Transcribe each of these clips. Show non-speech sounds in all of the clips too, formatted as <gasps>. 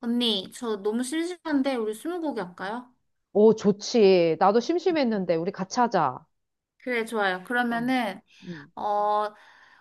언니, 저 너무 심심한데 우리 스무고개 할까요? 오, 좋지. 나도 심심했는데, 우리 같이 하자. 그래, 좋아요. 어, 그러면은 응, 어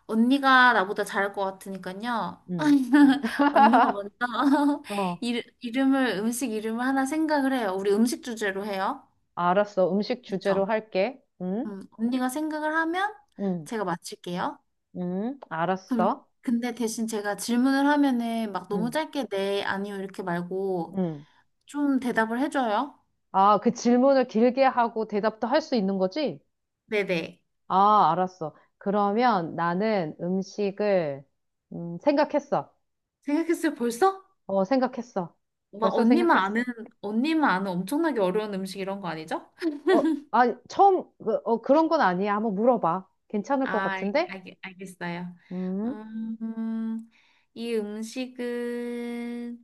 언니가 나보다 잘할 것 같으니까요. 응. <laughs> 언니가 <laughs> 먼저 <laughs> 어, 이 이름을 음식 이름을 하나 생각을 해요. 우리 음식 주제로 해요. 알았어. 음식 주제로 그렇죠? 할게. 응? 언니가 생각을 하면 응, 제가 맞출게요. 응, 그럼 알았어. 근데 대신 제가 질문을 하면은 막 너무 응, 짧게 네, 아니요 이렇게 말고 응. 좀 대답을 해줘요. 아, 그 질문을 길게 하고 대답도 할 수 있는 거지? 네네. 아, 알았어. 그러면 나는 음식을, 생각했어. 생각했어요, 벌써? 어, 생각했어. 막 벌써 언니만 아는 생각했어. 언니만 아는 엄청나게 어려운 음식 이런 거 아니죠? <laughs> 어, 아, 처음, 그, 어, 그런 건 아니야. 한번 물어봐. 괜찮을 것 아, 같은데? 알겠어요. 음. 음, 이 음식은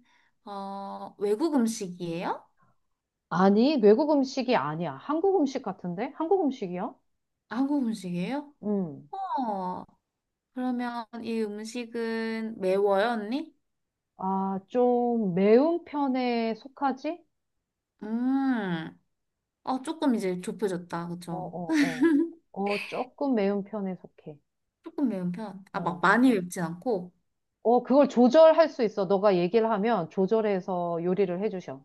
어, 외국 음식이에요? 아니, 외국 음식이 아니야. 한국 음식 같은데? 한국 음식이야? 한국 음식이에요? 음. 어, 그러면 이 음식은 매워요, 언니? 아, 좀 매운 편에 속하지? 음, 어, 조금 이제 좁혀졌다, 어, 그쵸? 어, 어. 어, 조금 매운 편에 속해. 조금 매운 편. 아, 막 어. 많이 맵진 않고. 어, 그걸 조절할 수 있어. 너가 얘기를 하면 조절해서 요리를 해주셔.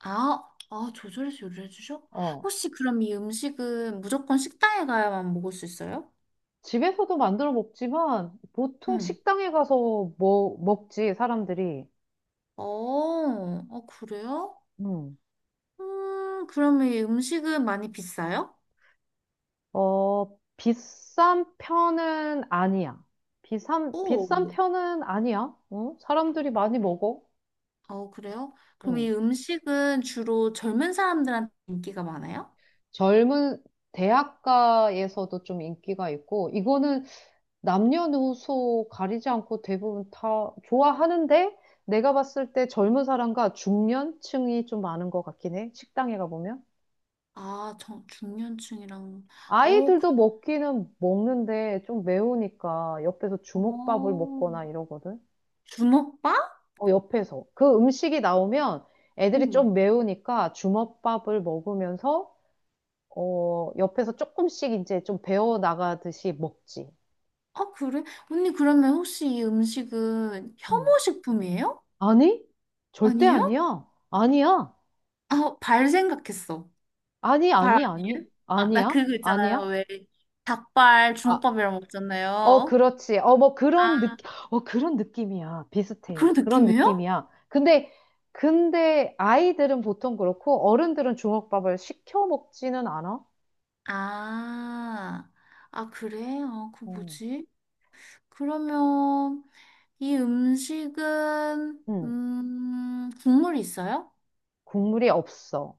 아, 아, 조절해서 요리해 주셔? 어. 혹시 그럼 이 음식은 무조건 식당에 가야만 먹을 수 있어요? 집에서도 만들어 먹지만 보통 응. 식당에 가서 뭐 먹지, 사람들이. 어, 어, 그래요? 그럼 이 음식은 많이 비싸요? 어, 비싼 편은 아니야. 비싼, 오, 비싼 편은 아니야. 어? 사람들이 많이 먹어. 어, 그래요? 그럼 응. 이 음식은 주로 젊은 사람들한테 인기가 많아요? 젊은 대학가에서도 좀 인기가 있고, 이거는 남녀노소 가리지 않고 대부분 다 좋아하는데, 내가 봤을 때 젊은 사람과 중년층이 좀 많은 것 같긴 해. 식당에 가보면. 아, 저, 중년층이랑, 어, 그, 아이들도 먹기는 먹는데 좀 매우니까 옆에서 주먹밥을 어, 먹거나 이러거든. 주먹밥? 어, 옆에서. 그 음식이 나오면 애들이 좀 응. 매우니까 주먹밥을 먹으면서, 어, 옆에서 조금씩 이제 좀 배워 나가듯이 먹지. 아, 그래? 언니, 그러면 혹시 이 음식은 음. 혐오식품이에요? 아니? 절대 아니에요? 아니야. 아니야. 아, 어, 발 생각했어. 아니, 발 아니, 아니. 아니에요? 아, 나 아니야. 그거 있잖아요. 아니야. 왜 닭발 아, 주먹밥이랑 어, 먹잖아요. 그렇지. 어, 뭐 그런 아, 느낌, 어, 그런 느낌이야. 비슷해. 그런 그런 느낌이에요? 느낌이야. 근데, 근데 아이들은 보통 그렇고 어른들은 주먹밥을 시켜 먹지는 않아. 아, 아, 그래? 아, 그 음. 뭐지? 그러면 이 음식은 음. 국물이 있어요? 국물이 없어.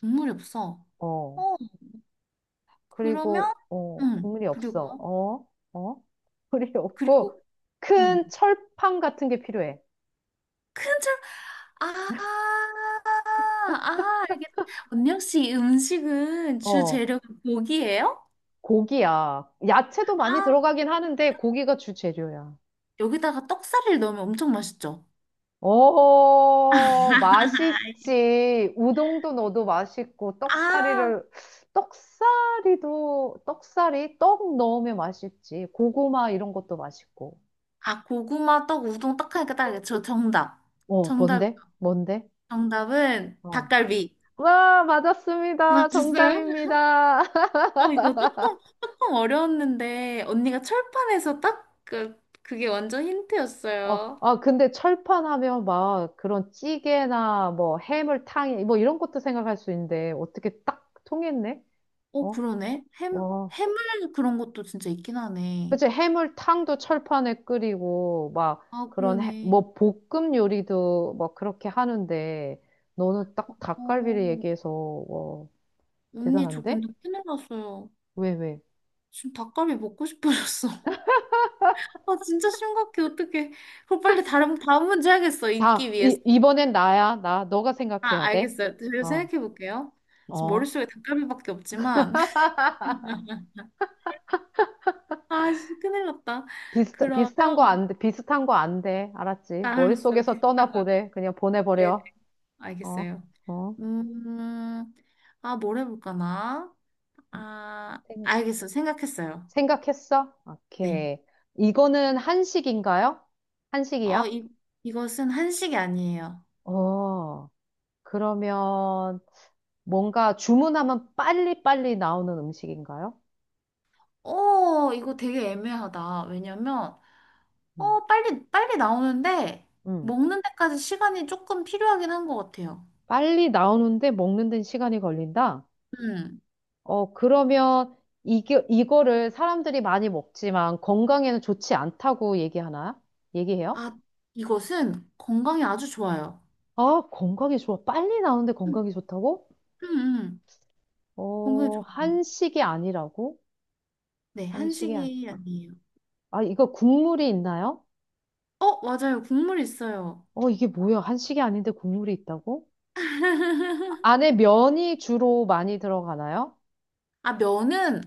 국물이 없어. 어, 어, 그러면 그리고, 어, 응. 국물이 없어. 그리고 어, 어, 국물이 <laughs> 없고, 그리고 응. 큰 철판 같은 게 필요해. 큰 아, 아, 알겠다. 언니 혹시 이 음식은 주 어, 재료가 고기예요? 고기야. 야채도 많이 아, 들어가긴 하는데, 고기가 주 재료야. 여기다가 떡살을 넣으면 엄청 맛있죠? 어, 맛있지. 우동도 넣어도 맛있고, 아, 떡사리를, 떡사리도, 떡사리? 떡 넣으면 맛있지. 고구마 이런 것도 맛있고. 아, 고구마, 떡, 우동, 떡 하니까 딱 알겠죠? 정답. 어, 정답, 뭔데? 뭔데? 정답은 어. 닭갈비. 와, 맞았습니다. 맞았어요? 정답입니다. <laughs> 어, 이거 조금 어려웠는데, 언니가 철판에서 딱 그, 그게 완전 어, 힌트였어요. 아, 근데 철판 하면 막 그런 찌개나 뭐 해물탕이 뭐 이런 것도 생각할 수 있는데 어떻게 딱 통했네? 어, 어? 그러네. 와. 해물 그런 것도 진짜 있긴 하네. 그치, 해물탕도 철판에 끓이고 막 아, 그런 해, 그러네. 뭐 볶음 요리도 막 그렇게 하는데 너는 어, 딱 닭갈비를 어. 얘기해서 와, 언니, 저 대단한데? 근데 큰일 났어요. 왜, 왜? 지금 닭갈비 먹고 싶어졌어. <laughs> 아, 진짜 심각해. 어떡해. 그럼 빨리 다음 문제 하겠어. 잊기 다, 위해서. 이번엔 나야, 나. 너가 생각해야 아, 돼. 알겠어요. 제가 어, 생각해 볼게요. 지금 어. 머릿속에 닭갈비밖에 없지만. <laughs> 아, 진짜 큰일 났다. 비슷, 그러면, 비슷한 거 안 돼. 비슷한 거 안 돼. 아, 알았지? 알았어. 머릿속에서 비슷한 데 떠나보래. 그냥 네네. 보내버려. 어, 알겠어요. 어. 음, 아, 뭘 해볼까 나? 아, 생, 알겠어. 생각했어요. 생각했어? 네. 오케이. 이거는 한식인가요? 어, 한식이야? 이것은 한식이 아니에요. 어, 그러면 뭔가 주문하면 빨리빨리 나오는 음식인가요? 오, 이거 되게 애매하다. 왜냐면, 음, 빨리 나오는데, 음. 먹는 데까지 시간이 조금 필요하긴 한 것 같아요. 빨리 나오는데 먹는 데는 시간이 걸린다? 음. 어, 그러면 이게, 이거를 사람들이 많이 먹지만 건강에는 좋지 않다고 얘기하나요? 얘기해요? 아, 이것은 건강에 아주 좋아요. 아, 건강에 좋아. 빨리 나오는데 음, 건강에 좋다고? 음, 음. 건강에 어, 좋아요. 한식이 아니라고? 네, 한식이 아니. 한식이 아니에요. 아, 이거 국물이 있나요? 어, 맞아요. 국물 있어요. 어, 이게 뭐야? 한식이 아닌데 국물이 있다고? <laughs> 안에 면이 주로 많이 들어가나요? 아, 면은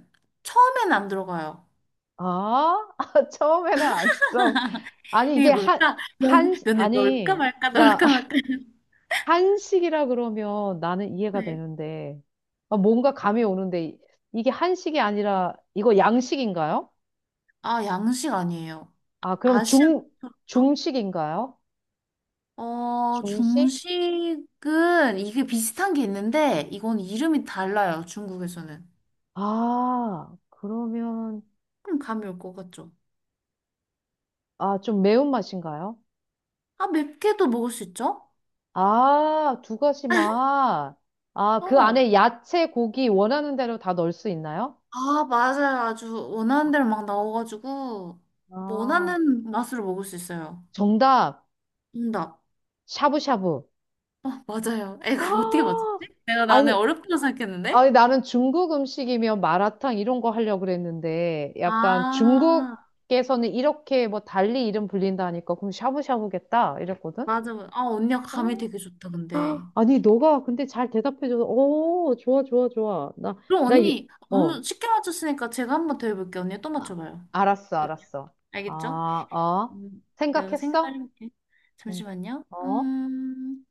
처음엔 안 들어가요. 아, <laughs> 처음에는 안 들어가. 아니, 이게 이게 한, 뭘까? 한, 면에 넣을까 아니, 말까, 나 넣을까 말까. <laughs> <laughs> 한식이라 그러면 나는 이해가 네. 되는데, 아, 뭔가 감이 오는데, 이게 한식이 아니라, 이거 양식인가요? 아, 양식 아니에요. 아, 아- 그럼 아시아 중, 쪽이죠? 중식인가요? 어, 중식? 중식은 이게 비슷한 게 있는데 이건 이름이 달라요. 중국에서는. 아, 그러면, 좀 감이 올 것 같죠? 아, 좀 매운맛인가요? 아, 맵게도 먹을 수 있죠? 아, 두 가지 맛. 아, 그 어. 안에 야채, 고기 원하는 대로 다 넣을 수 있나요? 아, 맞아요. 아주 원하는 대로 막 나와가지고 뭐 아, 원하는 맛으로 먹을 수 있어요. 정답. 정답. 샤브샤브. 아, 맞아요. 에이, <gasps> 그거 어떻게 맞췄지? 아, 내가 나는 아니, 어렵다고 생각했는데? 아니, 나는 중국 음식이면 마라탕 이런 거 하려고 그랬는데, 약간 아, 중국에서는 이렇게 뭐 달리 이름 불린다니까, 그럼 샤브샤브겠다? 이랬거든? 맞아. 맞아. 아, 언니가 감이 어, 되게 좋다, 근데. 아니, 너가 근데 잘 대답해줘서, 오, 좋아, 좋아, 좋아. 그럼 나, 이- 언니 어, 너무 쉽게 맞췄으니까 제가 한번 더 해볼게요. 언니 또 아, 맞춰봐요. 알았어, 어때요? 알았어. 아, 알겠죠? 어. 내가 생각 생각했어? 해볼게. 응 잠시만요. 어?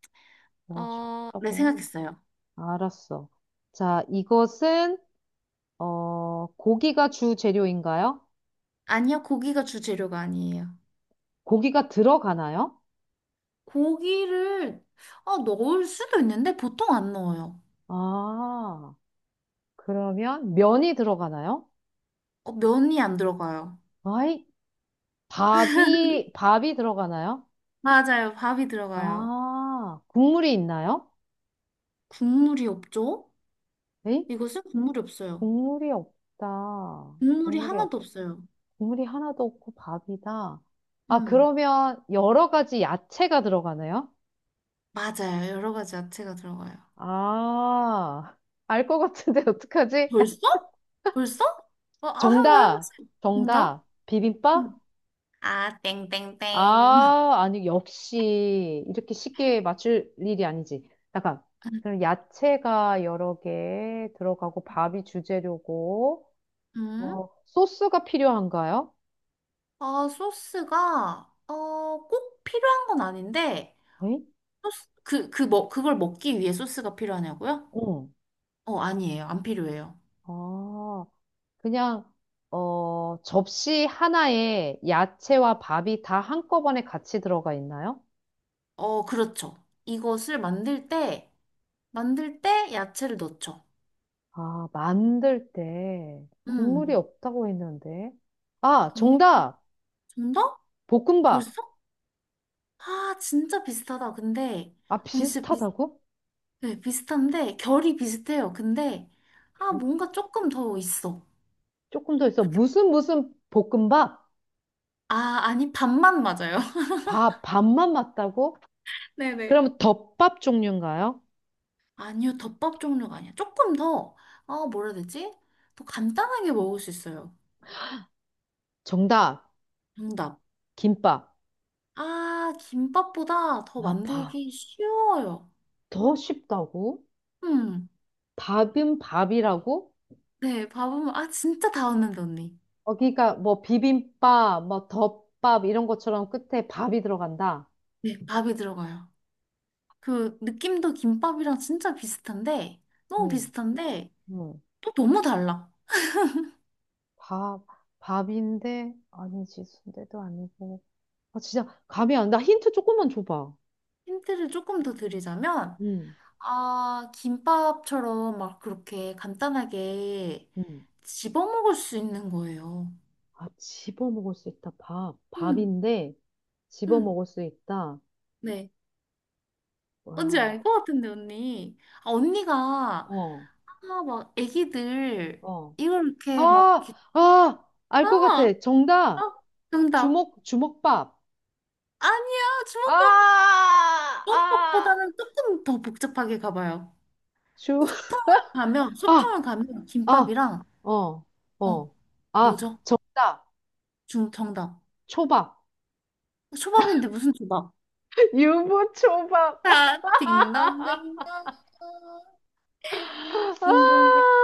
와, 어, 네, 쉽다고. 생각했어요. 알았어. 자, 이것은, 어, 고기가 주 재료인가요? 아니요, 고기가 주재료가 아니에요. 고기가 들어가나요? 고기를 어, 넣을 수도 있는데 보통 안 넣어요. 아, 그러면 면이 들어가나요? 어, 면이 안 들어가요. 아이, 밥이 들어가나요? 맞아요, 밥이 들어가요. 아, 국물이 있나요? 국물이 없죠? 에이? 이것은 국물이 없어요. 국물이 없다. 국물이 국물이 없, 하나도 없어요. 국물이 하나도 없고 밥이다. 아, 음, 그러면 여러 가지 야채가 들어가나요? 맞아요. 여러 가지 야채가 들어가요. 아, 알 것 같은데 <laughs> 어떡하지? 벌써? 벌써? 어, 아, 정답, 해보세요. 정답? 정답. 비빔밥? 응. 아, 땡땡땡. 아, 아니, 역시 이렇게 쉽게 맞출 일이 아니지. 잠깐. <laughs> 그럼 야채가 여러 개 들어가고 밥이 주재료고 음? 어, 소스가 필요한가요? 아, 어, 꼭 필요한 건 아닌데, 에이? 소스, 그, 그, 뭐, 그걸 먹기 위해 소스가 필요하냐고요? 응. 어, 아니에요. 안 필요해요. 아, 그냥, 어, 접시 하나에 야채와 밥이 다 한꺼번에 같이 들어가 있나요? 어, 그렇죠. 이것을 만들 때, 만들 때 야채를 넣죠. 아, 만들 때 국물이 음, 없다고 했는데. 아, 정말, 정답! 정답? 벌써? 볶음밥! 아, 진짜 비슷하다. 근데, 아, 언니 진짜 비, 비슷하다고? 네, 비슷한데, 결이 비슷해요. 근데, 아, 겨- 뭔가 조금 더 있어. 조금 더 있어. 무슨 무슨 볶음밥? 아, 아니, 반만 맞아요. <laughs> 밥, 밥만 맞다고? 네네. 그러면 덮밥 종류인가요? 아니요, 덮밥 종류가 아니야. 조금 더, 어, 뭐라 해야 되지? 더 간단하게 먹을 수 있어요. 정답! 정답. 김밥. 아, 김밥보다 더 아, 밥. 만들기 쉬워요. 더 쉽다고? 음, 밥은 밥이라고? 아, 진짜 다 왔는데, 언니. 어, 그러니까 뭐 비빔밥, 뭐 덮밥 이런 것처럼 끝에 밥이 들어간다. 네, 밥이 들어가요. 그, 느낌도 김밥이랑 진짜 비슷한데, 너무 음, 비슷한데, 음. 또 너무 달라. 밥, 밥인데 아니지 순대도 아니고. 아 진짜 감이 안 나. 힌트 조금만 줘봐. 힌트를 조금 더 드리자면, 음, 아, 김밥처럼 막 그렇게 간단하게 음. 집어먹을 수 있는 거예요. 아 집어 먹을 수 있다. 밥, 응 밥인데 집어 응 먹을 수 있다. 네. 뭔지 알 와, 것 같은데, 언니. 아, 언니가, 어, 아, 막, 애기들, 어. 이걸 이렇게 막, 아, 이렇게- 아, 알 것 같아. 아, 아, 정답. 정답. 주먹밥. 아니야, 아, 아, 주먹밥보다는 조금 더 복잡하게 가봐요. 주, 소풍을 <laughs> 아, 소풍을 가면 아, 김밥이랑, 어, 어, 어. 아, 뭐죠? 정답. 정답. 초밥. 초밥인데 무슨 초밥? <laughs> 유부초밥. 자, 딩동댕동. 딩동댕 아,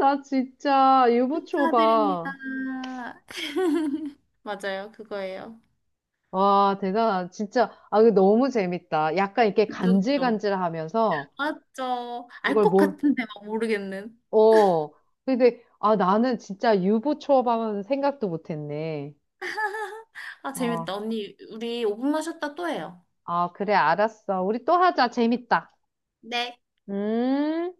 나 진짜 축하드립니다. 유부초밥. <laughs> 맞아요, 그거예요. 와, 대단하다. 진짜. 아, 이거 너무 재밌다. 약간 이렇게 그쵸, 그쵸. 간질간질하면서 맞죠. 알 이걸 것 뭘, 같은데 막 모르겠는. 어. 근데, 아, 나는 진짜 유부초밥은 생각도 못했네. 아, 어. 재밌다. 언니, 우리 오 분만 쉬었다 또 해요. 아, 그래, 알았어. 우리 또 하자. 재밌다. 네. 음.